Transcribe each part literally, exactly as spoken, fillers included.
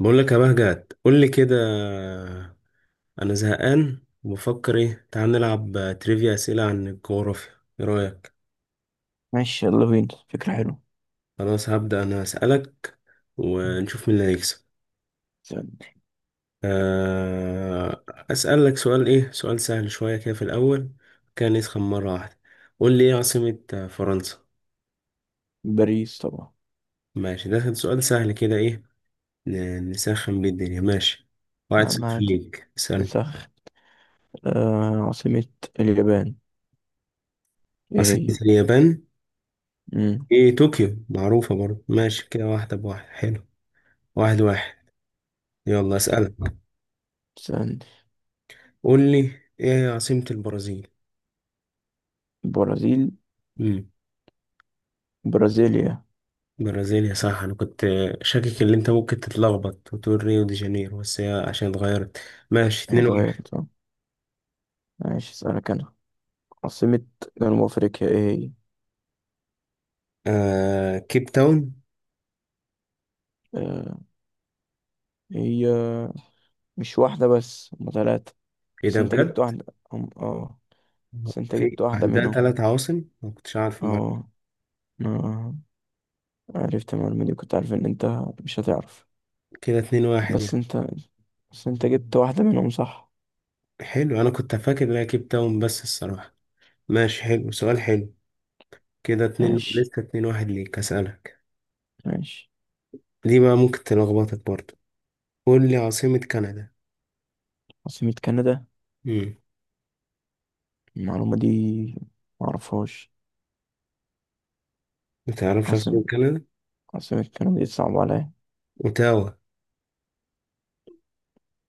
بقول لك يا مهجد، قول لي كده. انا زهقان وبفكر ايه. تعال نلعب تريفيا، اسئله عن الجغرافيا. ايه رايك؟ ماشي، يلا بينا. فكرة حلوة. خلاص، هبدا انا اسالك ونشوف مين اللي هيكسب. استنى. آه. اسالك سؤال. ايه، سؤال سهل شويه كده في الاول، كان يسخن مره واحده. قول لي ايه عاصمه فرنسا؟ باريس طبعا. ماشي، ده كان سؤال سهل كده، ايه ن- نسخن بيه الدنيا. ماشي، واحد نعم، صفر عادي. ليك. اسالني نسخ. آه، عاصمة اليابان ايه عاصمه هي؟ اليابان. مم. ايه، طوكيو، معروفة برضه. ماشي كده، واحدة بواحد. حلو، واحد واحد. يلا اسألك، استنى. قول لي ايه هي عاصمة البرازيل؟ برازيل. امم، برازيليا. البرازيل. يا صح، انا كنت شاكك ان انت ممكن تتلخبط وتقول ريو دي جانيرو، بس هي عشان اتغيرت. ماشي، هي اتنين واحد. اتغيرت، اه. ماشي، اسألك انا. عاصمة جنوب افريقيا ايه هي؟ آه، كيب تاون. آه، هي مش واحدة بس هما تلاتة. ايه بس ده انت جبت بجد؟ واحدة. هم، اه. بس انت في جبت واحدة عندها منهم. تلات عواصم، ما كنتش عارف المعلومة. اه. آه. عرفت المعلومة دي، كنت عارف ان انت مش هتعرف. كده اتنين واحد بس يعني. انت بس انت جبت واحدة منهم، صح؟ حلو، انا كنت فاكر ان هي كيب تاون بس الصراحة. ماشي، حلو، سؤال حلو. كده اتنين، ماشي لسه اتنين واحد ليك. اسألك ماشي. دي بقى، ممكن تلخبطك برضه. قول لي عاصمة كندا. عاصمة كندا. امم. المعلومة دي معرفهاش. ما تعرفش عاصمة عاصمة كندا؟ عاصمة كندا دي صعبة عليا. اوتاوا.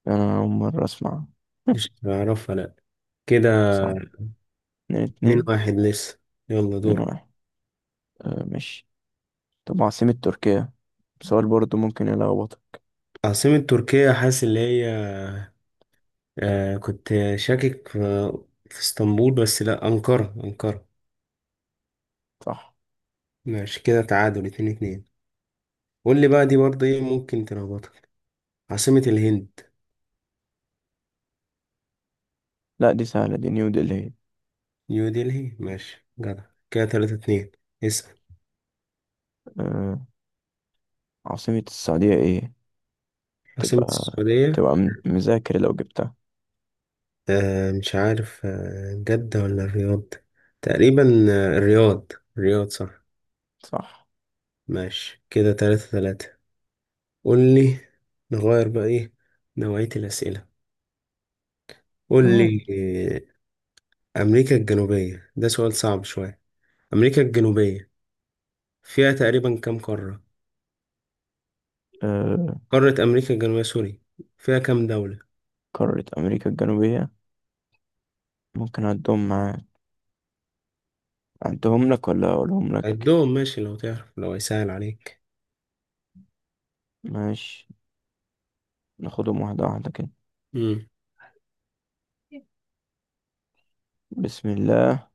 أنا أول مرة أسمع. مش هتعرفها، لا. كده صعب. اتنين اتنين اتنين. واحد لسه. يلا اتنين دور. واحد. آه ماشي. طب عاصمة تركيا، سؤال برضه ممكن يلخبطك. عاصمة تركيا، حاسس اللي هي، آه كنت شاكك في, في اسطنبول، بس لا، أنقرة أنقرة. صح. ماشي كده، تعادل اتنين اتنين. قول لي بقى دي برضه، ايه ممكن تلخبطك. عاصمة الهند؟ لا دي سهلة، دي نيو دلهي. نيو دلهي. ماشي جدع. كده تلاتة اتنين. اسأل. آه، عاصمة السعودية ايه؟ عاصمة تبقى السعودية، تبقى م- مذاكر لو جبتها. آه مش عارف، آه جدة ولا الرياض؟ تقريبا، آه الرياض. الرياض، صح. صح. ماشي كده، تلاتة تلاتة. قول لي، نغير بقى ايه، نوعية الأسئلة. قول نايل. لي. آه أمريكا الجنوبية، ده سؤال صعب شوية. أمريكا الجنوبية فيها تقريبا كام قارة؟ آه، قارة أمريكا الجنوبية، سوري، فيها كام دولة؟ قارة أمريكا الجنوبية، ممكن أعدهم معاك؟ أعدهم لك ولا أقولهم لك؟ عدهم ماشي لو تعرف، لو هيسهل عليك. ماشي، ناخدهم واحدة واحدة كده. مم. بسم الله.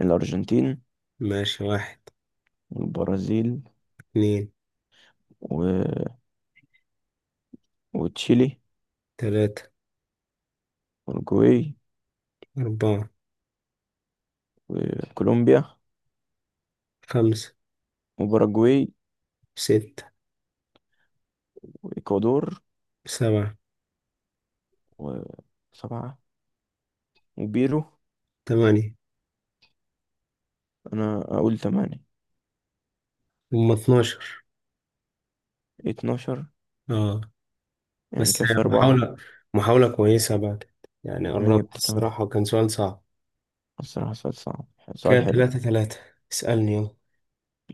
الأرجنتين. ماشي، واحد، والبرازيل. اتنين، و... وتشيلي. تلاتة، والجوي. أربعة، وكولومبيا. خمسة، وباراجواي. ستة، وإكوادور. سبعة، وسبعة. وبيرو. تمانية. أنا أقول تمانية. هم اتناشر. اتناشر، اه، يعني بس كفي أربعة. محاولة، محاولة كويسة بعد. يعني أنا قربت جبت تمانية. الصراحة، وكان سؤال صعب. الصراحة سؤال صعب، كده سؤال حلو. تلاتة تلاتة. اسألني يلا.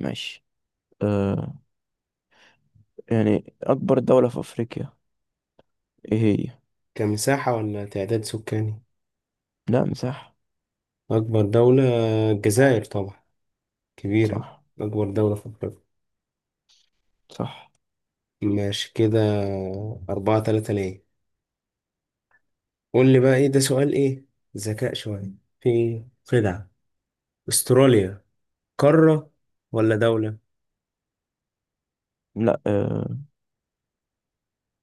ماشي. أه، يعني أكبر دولة في أفريقيا إيه هي؟ كمساحة ولا تعداد سكاني؟ لا، مساحة. أكبر دولة الجزائر طبعا، كبيرة، صح. أكبر دولة في أفريقيا. صح. ماشي كده، أربعة تلاتة ليه. قول لي بقى إيه، ده سؤال إيه، ذكاء شوية، في خدعة. أستراليا قارة ولا دولة؟ لا آه،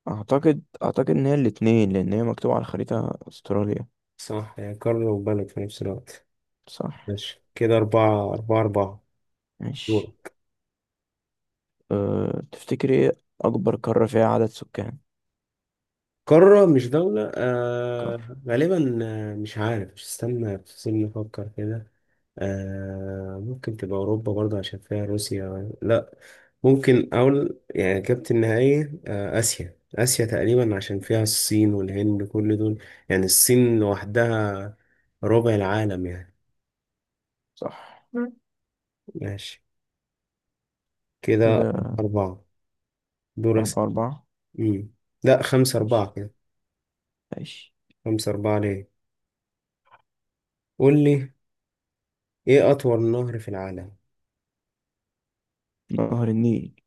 اعتقد اعتقد ان هي الاتنين، لان هي مكتوبة على الخريطة استراليا. صح، هي قارة وبلد في نفس الوقت. صح. ماشي كده، أربعة أربعة أربعة دول. ماشي. أه... تفتكري ايه اكبر قارة فيها عدد سكان؟ قارة مش دولة، قارة. آه غالبا، آه مش عارف، مش، استنى استنى نفكر كده. آه ممكن تبقى أوروبا برضه عشان فيها روسيا، لا. ممكن أقول يعني إجابتي النهائية، آه آسيا. آسيا تقريبا عشان فيها الصين والهند كل دول. يعني الصين لوحدها ربع العالم يعني. صح. مم. ماشي كده، كده أربعة دول أس- أربعة أربعة. مم. لا، خمسة ماشي أربعة كده. ماشي. خمسة أربعة ليه. قول لي، إيه أطول نهر في العالم؟ نهر النيل.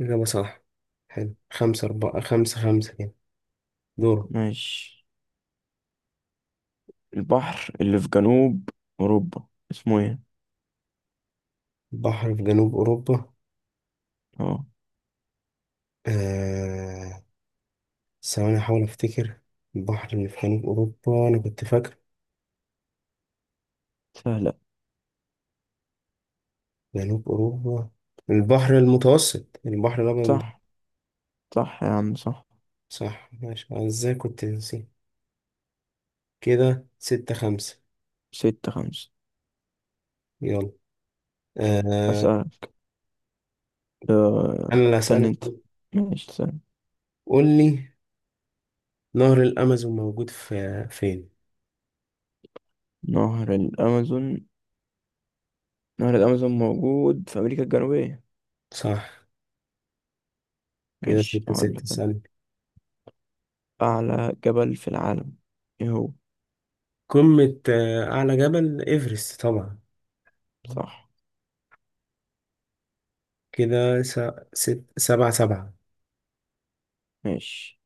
إجابة صح. حلو، خمسة أربعة، خمسة خمسة كده. دور. ماشي. البحر اللي في جنوب أوروبا اسمه ايه؟ بحر في جنوب أوروبا. اه. آه... ثواني أحاول أفتكر. البحر اللي في جنوب أوروبا، أنا كنت فاكر سهلة. جنوب أوروبا. البحر المتوسط، البحر الأبيض المت- صح. صح يا عم، صح. صح. ماشي، أنا إزاي كنت نسيت. كده ستة خمسة. ستة خمسة. يلا. آه... أسأل. أه... أنا اللي استنى هسألك. انت. ماشي، استنى. قول لي، نهر الأمازون موجود في فين؟ نهر الأمازون. نهر الأمازون موجود في أمريكا الجنوبية. صح. كده ماشي، ستة أقول ستة. لك أنا. سألت. أعلى جبل في العالم إيه هو؟ قمة، آه، أعلى جبل إيفرست طبعا. صح. كده س... ست... سبعة سبعة. ماشي.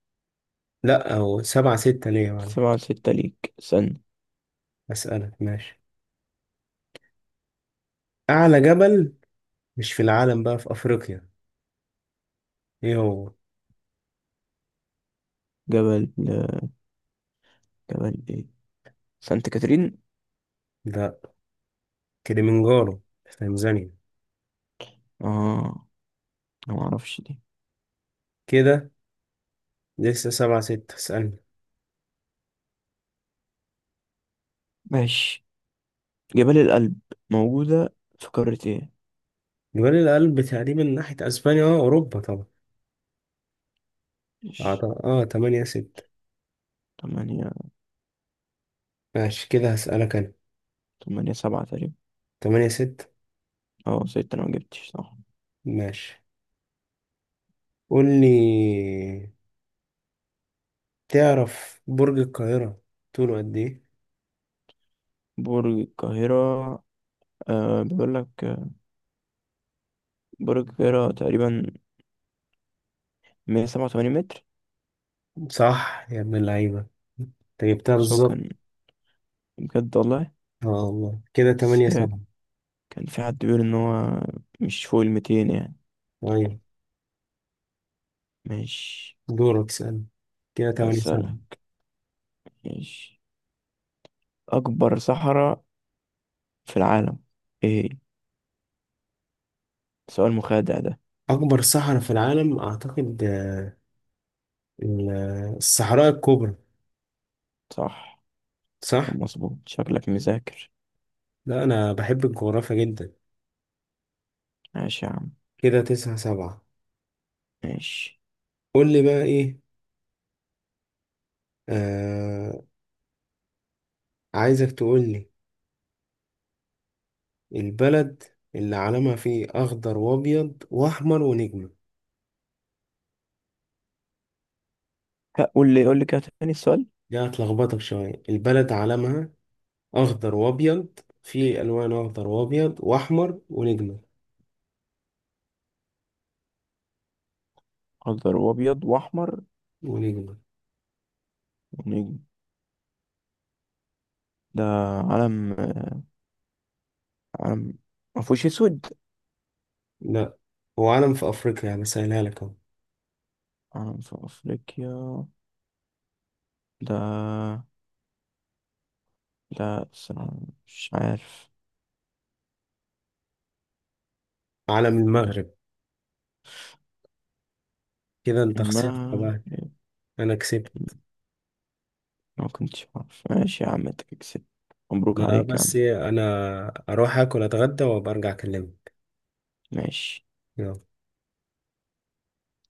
لا، أو سبعة ستة ليا، معلش. سبعة ستة ليك سن. أسألك ماشي. أعلى جبل، مش في العالم بقى، في أفريقيا، إيه هو؟ جبل. جبل إيه، سانت كاترين؟ ده كليمنجارو في تنزانيا. آه، أنا معرفش دي. كده لسه سبعة ستة. اسألني. ماشي. جبال الألب موجودة في قارة إيه؟ جبال الألب تقريبا ناحية أسبانيا، أه أوروبا طبعا. ماشي. أعط- أه تمانية ستة. تمانية. ماشي كده، هسألك أنا. تمانية سبعة تقريبا. تمانية ستة. أه، ستة، أنا مجبتش صح. ماشي، قول لي، تعرف برج القاهرة طوله قد إيه؟ برج القاهرة. آه بيقول لك آه، برج القاهرة تقريبا مية سبعة وتمانين متر. صح يا ابن اللعيبة، انت جبتها بس هو بالظبط. كان، بجد والله. اه والله، كده بس تمانية هي، سبعة. كان في حد بيقول ان هو مش فوق الميتين يعني. أيوة. ماشي. دورك، سأل. كده تمانية سبعة. أسألك، ماشي. اكبر صحراء في العالم ايه هي؟ سؤال مخادع ده. أكبر صحراء في العالم، أعتقد آه، ال- آه، الصحراء الكبرى. صح. صح؟ كان مظبوط، شكلك مذاكر. لا أنا بحب الجغرافيا جدا. ماشي يا عم. كده تسعة سبعة. ماشي. قول لي بقى إيه. آه عايزك تقول لي البلد اللي علمها فيه أخضر وأبيض وأحمر ونجمة. ها، قول لي قول لي كده تاني السؤال. دي هتلخبطك شوية. البلد علمها أخضر وأبيض، فيه ألوان أخضر وأبيض وأحمر ونجمة. اخضر وابيض واحمر ونجمة ونجم. ده علم. علم ما فيهوش اسود. لا، هو علم في افريقيا يعني، سهلها لك اهو. علم في افريقيا. ده ده الصراحة مش عارف. علم المغرب. كده انت خسرت المغرب. بقى، انا كسبت. ما كنتش عارف. ماشي يا عم، انت كسبت. مبروك ما عليك يا بس عم. إيه، انا اروح اكل اتغدى وابقى ارجع اكلمك. ماشي. يلا